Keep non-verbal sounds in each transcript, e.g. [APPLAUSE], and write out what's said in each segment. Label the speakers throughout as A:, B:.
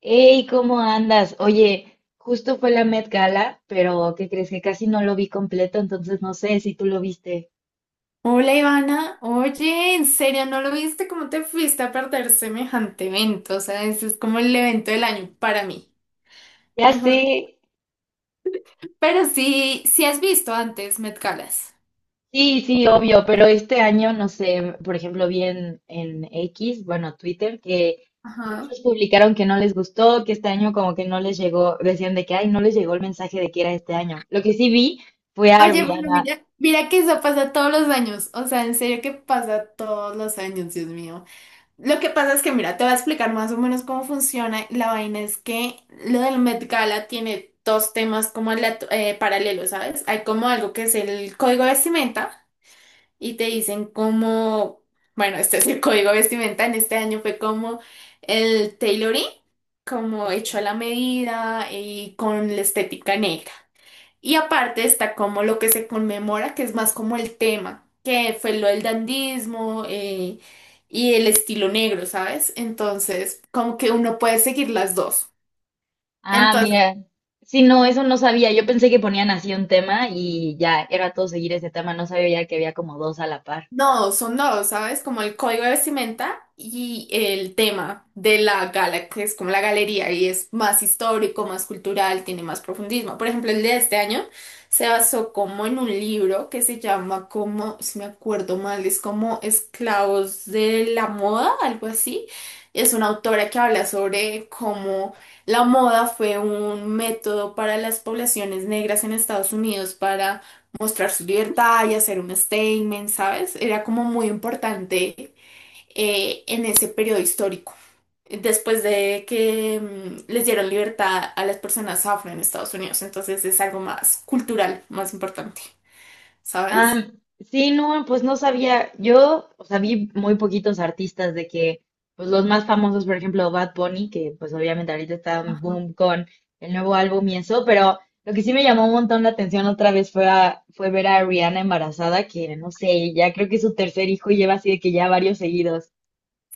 A: Hey, ¿cómo andas? Oye, justo fue la Met Gala, pero ¿qué crees? Que casi no lo vi completo, entonces no sé si tú lo viste.
B: Hola Ivana, oye, ¿en serio no lo viste? ¿Cómo te fuiste a perder semejante evento? O sea, ese es como el evento del año para mí.
A: Ya sé,
B: Mejor. Pero sí, sí has visto antes Met Galas.
A: sí, sí, obvio, pero este año, no sé, por ejemplo, vi en X, bueno, Twitter, que
B: Ajá.
A: muchos publicaron que no les gustó, que este año como que no les llegó, decían de que, ay, no les llegó el mensaje de que era este año. Lo que sí vi fue a
B: Oye, pero
A: Rihanna.
B: mira, mira que eso pasa todos los años. O sea, en serio que pasa todos los años, Dios mío. Lo que pasa es que, mira, te voy a explicar más o menos cómo funciona. La vaina es que lo del Met Gala tiene dos temas como paralelos, ¿sabes? Hay como algo que es el código de vestimenta. Y te dicen como, bueno, este es el código de vestimenta en este año, fue como el tailoring, como
A: Ok.
B: hecho a la medida y con la estética negra. Y aparte está como lo que se conmemora, que es más como el tema, que fue lo del dandismo y el estilo negro, ¿sabes? Entonces, como que uno puede seguir las dos.
A: Ah,
B: Entonces
A: mira. Sí, no, eso no sabía. Yo pensé que ponían así un tema y ya era todo seguir ese tema. No sabía ya que había como dos a la par.
B: no, son dos, ¿sabes? Como el código de vestimenta y el tema de la gala, que es como la galería y es más histórico, más cultural, tiene más profundismo. Por ejemplo, el de este año se basó como en un libro que se llama como, si me acuerdo mal, es como Esclavos de la Moda, algo así. Es una autora que habla sobre cómo la moda fue un método para las poblaciones negras en Estados Unidos para mostrar su libertad y hacer un statement, ¿sabes? Era como muy importante en ese periodo histórico. Después de que les dieron libertad a las personas afro en Estados Unidos, entonces es algo más cultural, más importante, ¿sabes?
A: Ah, sí, no, pues no sabía. Yo, o sea, vi muy poquitos artistas de que, pues los más famosos, por ejemplo, Bad Bunny, que pues obviamente ahorita está en boom con el nuevo álbum y eso, pero lo que sí me llamó un montón la atención otra vez fue, fue ver a Rihanna embarazada, que no sé, ya creo que es su tercer hijo y lleva así de que ya varios seguidos.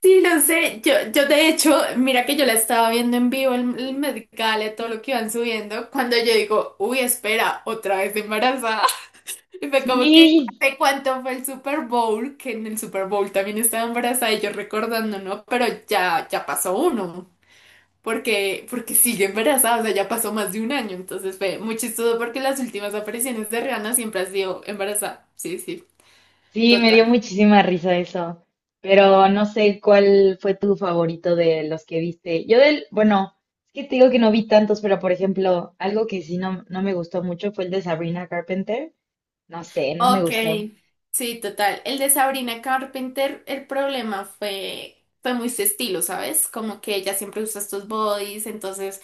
B: Sí, lo sé. Yo de hecho, mira que yo la estaba viendo en vivo, el Met Gala, todo lo que iban subiendo, cuando yo digo, uy, espera, otra vez embarazada. Y fue como que,
A: Sí.
B: ¿de cuánto fue el Super Bowl? Que en el Super Bowl también estaba embarazada y yo recordando, ¿no? Pero ya, ya pasó uno, porque sigue embarazada, o sea, ya pasó más de un año. Entonces fue muy chistoso porque las últimas apariciones de Rihanna siempre ha sido embarazada. Sí, sí,
A: Sí, me
B: total.
A: dio muchísima risa eso, pero no sé cuál fue tu favorito de los que viste. Yo del, bueno, es que te digo que no vi tantos, pero por ejemplo, algo que sí no me gustó mucho fue el de Sabrina Carpenter. No sé, no me
B: Ok,
A: gustó.
B: sí, total. El de Sabrina Carpenter, el problema fue muy su estilo, ¿sabes? Como que ella siempre usa estos bodies, entonces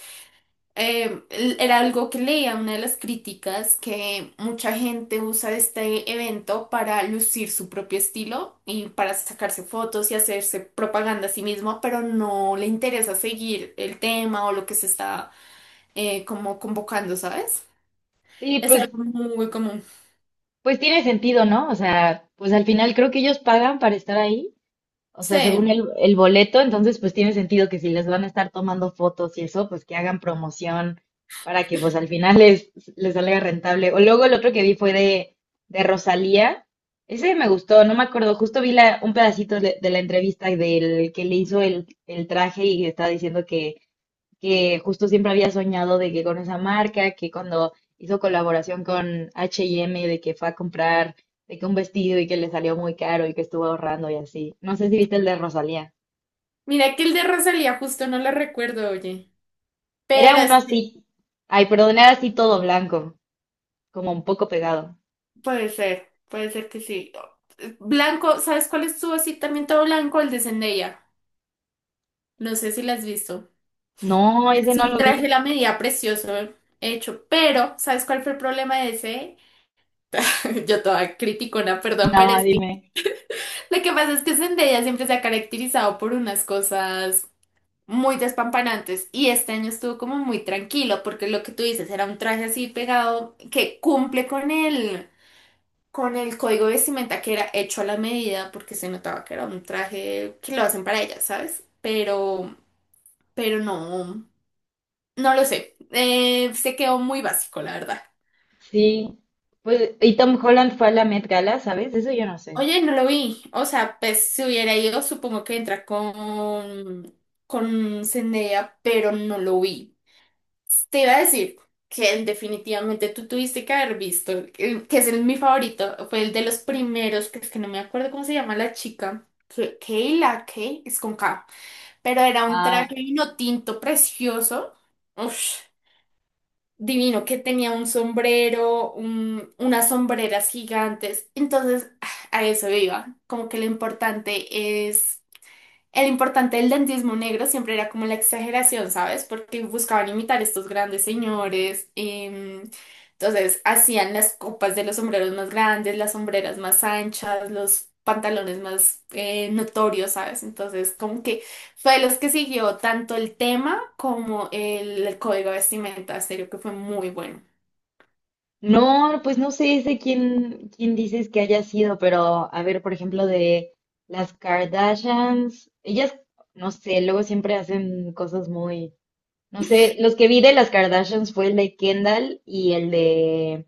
B: era algo que leía, una de las críticas, que mucha gente usa este evento para lucir su propio estilo y para sacarse fotos y hacerse propaganda a sí mismo, pero no le interesa seguir el tema o lo que se está como convocando, ¿sabes?
A: Sí,
B: Es
A: pues,
B: algo muy común.
A: pues tiene sentido, ¿no? O sea, pues al final creo que ellos pagan para estar ahí. O sea, según
B: Sí,
A: el boleto, entonces pues tiene sentido que si les van a estar tomando fotos y eso, pues que hagan promoción para que pues al final les, les salga rentable. O luego el otro que vi fue de Rosalía. Ese me gustó, no me acuerdo, justo vi la, un pedacito de la entrevista del que le hizo el traje y está diciendo que justo siempre había soñado de que con esa marca, que cuando hizo colaboración con H&M, de que fue a comprar, de que un vestido y que le salió muy caro y que estuvo ahorrando y así. No sé si viste el de Rosalía.
B: mira que el de Rosalía justo no lo recuerdo, oye,
A: Era
B: pero
A: uno
B: es que
A: así, ay, perdón, era así todo blanco, como un poco pegado.
B: puede ser que sí. Blanco, ¿sabes cuál estuvo así también todo blanco? El de Zendaya. No sé si la has visto.
A: No, ese
B: Es
A: no
B: un
A: lo
B: traje a
A: vi.
B: la medida precioso hecho, pero ¿sabes cuál fue el problema de ese? [LAUGHS] Yo toda criticona, perdón, pero
A: No,
B: es que
A: dime.
B: lo que pasa es que Zendaya siempre se ha caracterizado por unas cosas muy despampanantes y este año estuvo como muy tranquilo porque lo que tú dices era un traje así pegado que cumple con con el código de vestimenta que era hecho a la medida porque se notaba que era un traje que lo hacen para ella, ¿sabes? Pero no, no lo sé. Se quedó muy básico, la verdad.
A: Sí, pues, y Tom Holland fue a la Met Gala, ¿sabes? Eso yo no sé.
B: Oye, no lo vi. O sea, pues si hubiera ido, supongo que entra con Zendaya, pero no lo vi. Te iba a decir que definitivamente tú tuviste que haber visto, mi favorito, fue el de los primeros, que es que no me acuerdo cómo se llama la chica. Que Kayla, Kay, es con K, pero era un traje vino tinto precioso. Uf, divino, que tenía un sombrero, unas sombreras gigantes. Entonces, ah, a eso iba. Como que lo importante es el importante del dentismo negro siempre era como la exageración, ¿sabes? Porque buscaban imitar estos grandes señores. Entonces hacían las copas de los sombreros más grandes, las sombreras más anchas, los pantalones más notorios, ¿sabes? Entonces como que fue de los que siguió tanto el tema como el código de vestimenta, en serio que fue muy bueno.
A: No, pues no sé de quién dices que haya sido, pero a ver, por ejemplo, de las Kardashians, ellas, no sé, luego siempre hacen cosas muy, no sé, los que vi de las Kardashians fue el de Kendall y el de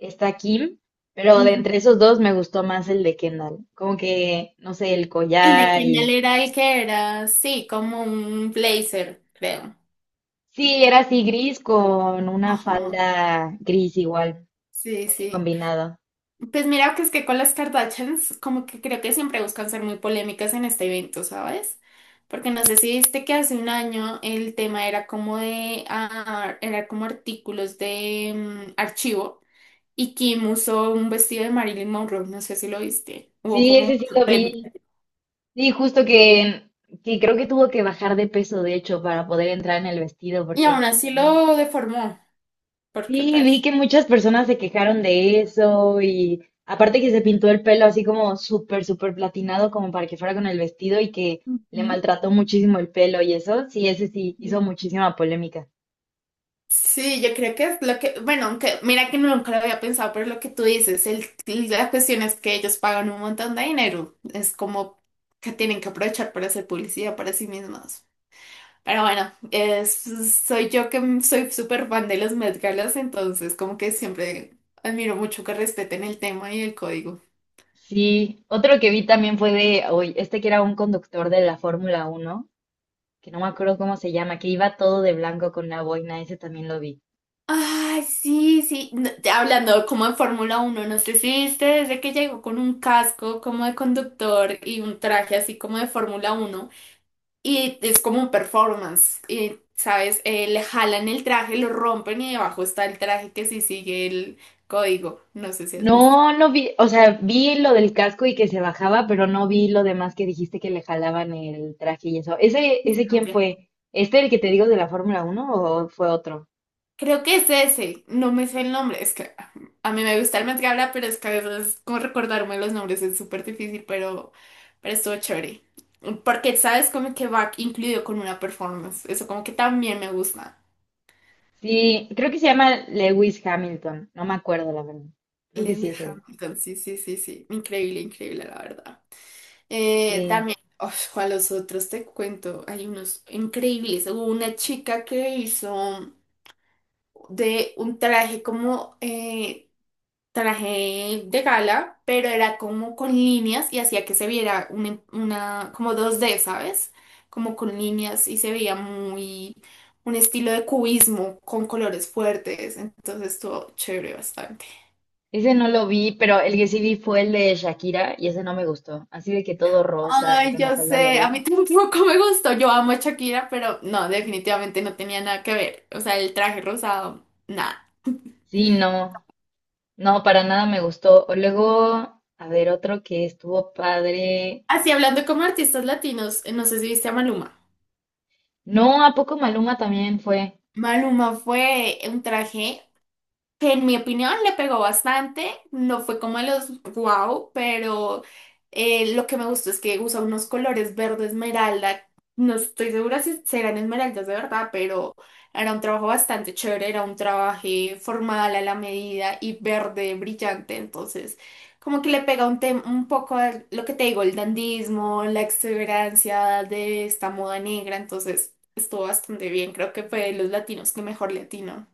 A: esta Kim, pero de
B: Ujú.
A: entre esos dos me gustó más el de Kendall, como que, no sé, el
B: El de
A: collar
B: Kendall
A: y...
B: era el que era, sí, como un blazer, creo.
A: Sí, era así gris con una
B: Ajá,
A: falda gris igual,
B: sí, sí.
A: combinado.
B: Pues mira que es que con las Kardashians como que creo que siempre buscan ser muy polémicas en este evento, ¿sabes? Porque no sé si viste que hace un año el tema era como de ah, era como artículos de archivo y Kim usó un vestido de Marilyn Monroe, no sé si lo viste. Hubo
A: Sí,
B: como
A: ese sí
B: mucha
A: lo
B: polémica.
A: vi. Sí, justo que creo que tuvo que bajar de peso, de hecho, para poder entrar en el vestido,
B: Y
A: porque iba
B: aún así
A: como-
B: lo deformó, porque
A: sí, vi
B: pues.
A: que muchas personas se quejaron de eso y aparte que se pintó el pelo así como súper, súper platinado, como para que fuera con el vestido y que le
B: Ujú.
A: maltrató muchísimo el pelo y eso, sí, ese sí hizo muchísima polémica.
B: Sí, yo creo que es lo que, bueno, aunque mira que nunca lo había pensado, pero lo que tú dices, el, la cuestión es que ellos pagan un montón de dinero, es como que tienen que aprovechar para hacer publicidad para sí mismos. Pero bueno, soy yo que soy súper fan de los Met Galas, entonces como que siempre admiro mucho que respeten el tema y el código.
A: Sí, otro que vi también fue de, hoy, este que era un conductor de la Fórmula Uno que no me acuerdo cómo se llama, que iba todo de blanco con una boina, ese también lo vi.
B: Ay, sí, sí, no, ya hablando como en Fórmula Uno, no sé si viste desde que llegó con un casco como de conductor y un traje así como de Fórmula Uno. Y es como un performance. Y, ¿sabes? Le jalan el traje, lo rompen y debajo está el traje que sí sigue el código. No sé si has
A: No,
B: visto.
A: no vi, o sea, vi lo del casco y que se bajaba, pero no vi lo demás que dijiste que le jalaban el traje y eso. ¿Ese, ese quién
B: Amplia.
A: fue? ¿Este el que te digo de la Fórmula uno o fue otro?
B: Creo que es ese. No me sé el nombre. Es que a mí me gusta el Met Gala, pero es que a veces como recordarme los nombres es súper difícil, pero estuvo chévere. Porque, ¿sabes? Como que va incluido con una performance. Eso como que también me gusta.
A: Sí, creo que se llama Lewis Hamilton, no me acuerdo la verdad. Creo que sí
B: Lewis
A: es él.
B: Hamilton, sí, sí, sí, sí. Increíble, increíble, la verdad.
A: Sí,
B: Uf, ¿cuál los otros te cuento? Hay unos increíbles. Hubo una chica que hizo de un traje como traje de gala, pero era como con líneas y hacía que se viera una, como dos d, ¿sabes? Como con líneas y se veía muy un estilo de cubismo con colores fuertes. Entonces estuvo chévere bastante.
A: ese no lo vi, pero el que sí vi fue el de Shakira y ese no me gustó. Así de que todo rosa y
B: Ay,
A: con
B: yo
A: falda
B: sé,
A: larga.
B: a mí [LAUGHS] tampoco me gustó. Yo amo a Shakira, pero no, definitivamente no tenía nada que ver. O sea, el traje rosado, nada.
A: Sí, no, para nada me gustó. O luego, a ver, otro que estuvo padre.
B: Así hablando como artistas latinos, no sé si viste a Maluma.
A: No, ¿a poco Maluma también fue?
B: Maluma fue un traje que en mi opinión le pegó bastante, no fue como de los wow, pero lo que me gustó es que usa unos colores verde esmeralda, no estoy segura si serán esmeraldas de verdad, pero era un trabajo bastante chévere, era un trabajo formal a la medida y verde brillante, entonces como que le pega un, un poco a lo que te digo, el dandismo, la extravagancia de esta moda negra, entonces estuvo bastante bien, creo que fue de los latinos que mejor latino.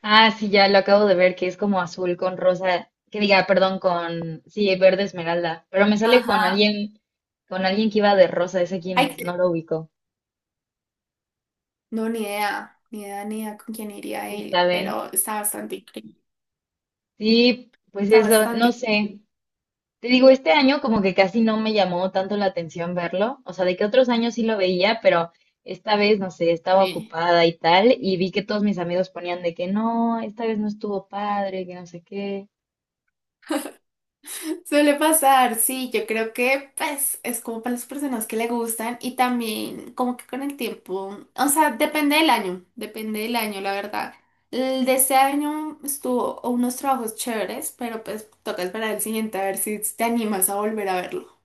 A: Ah, sí, ya lo acabo de ver, que es como azul con rosa, que diga, perdón, con, sí, verde esmeralda, pero me sale
B: Ajá.
A: con alguien que iba de rosa, ese quién es,
B: Hay,
A: no lo ubico,
B: no, ni idea, ni idea, ni idea con quién iría
A: quién
B: él,
A: sabe.
B: pero está bastante increíble.
A: Sí, pues
B: Está
A: eso, no
B: bastante
A: sé. Te digo, este año como que casi no me llamó tanto la atención verlo, o sea, de que otros años sí lo veía, pero esta vez, no sé, estaba
B: increíble.
A: ocupada y tal, y vi que todos mis amigos ponían de que no, esta vez no estuvo padre, que no sé qué.
B: [LAUGHS] Suele pasar, sí, yo creo que pues es como para las personas que le gustan y también como que con el tiempo, o sea, depende del año, la verdad. El de este año estuvo unos trabajos chéveres, pero pues toca esperar el siguiente a ver si te animas a volver a verlo.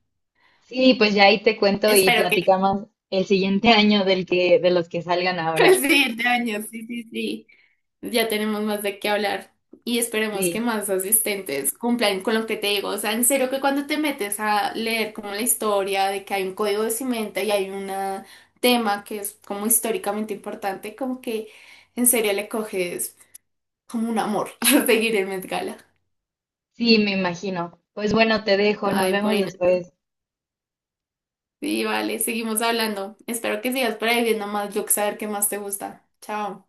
A: Sí, pues ya ahí te cuento y
B: Espero que
A: platicamos el siguiente [LAUGHS] año del que, de los que salgan
B: [LAUGHS] pues
A: ahora.
B: sí, de años, sí, sí, sí. Ya tenemos más de qué hablar y esperemos que
A: Sí,
B: más asistentes cumplan con lo que te digo. O sea, en serio que cuando te metes a leer como la historia de que hay un código de cimenta y hay un tema que es como históricamente importante, como que en serio le coges como un amor [LAUGHS] a seguir el Met Gala.
A: sí, me imagino. Pues bueno, te dejo, nos
B: Ay,
A: vemos
B: bueno,
A: después.
B: sí, vale, seguimos hablando. Espero que sigas por ahí viendo más. Yo que saber qué más te gusta. Chao.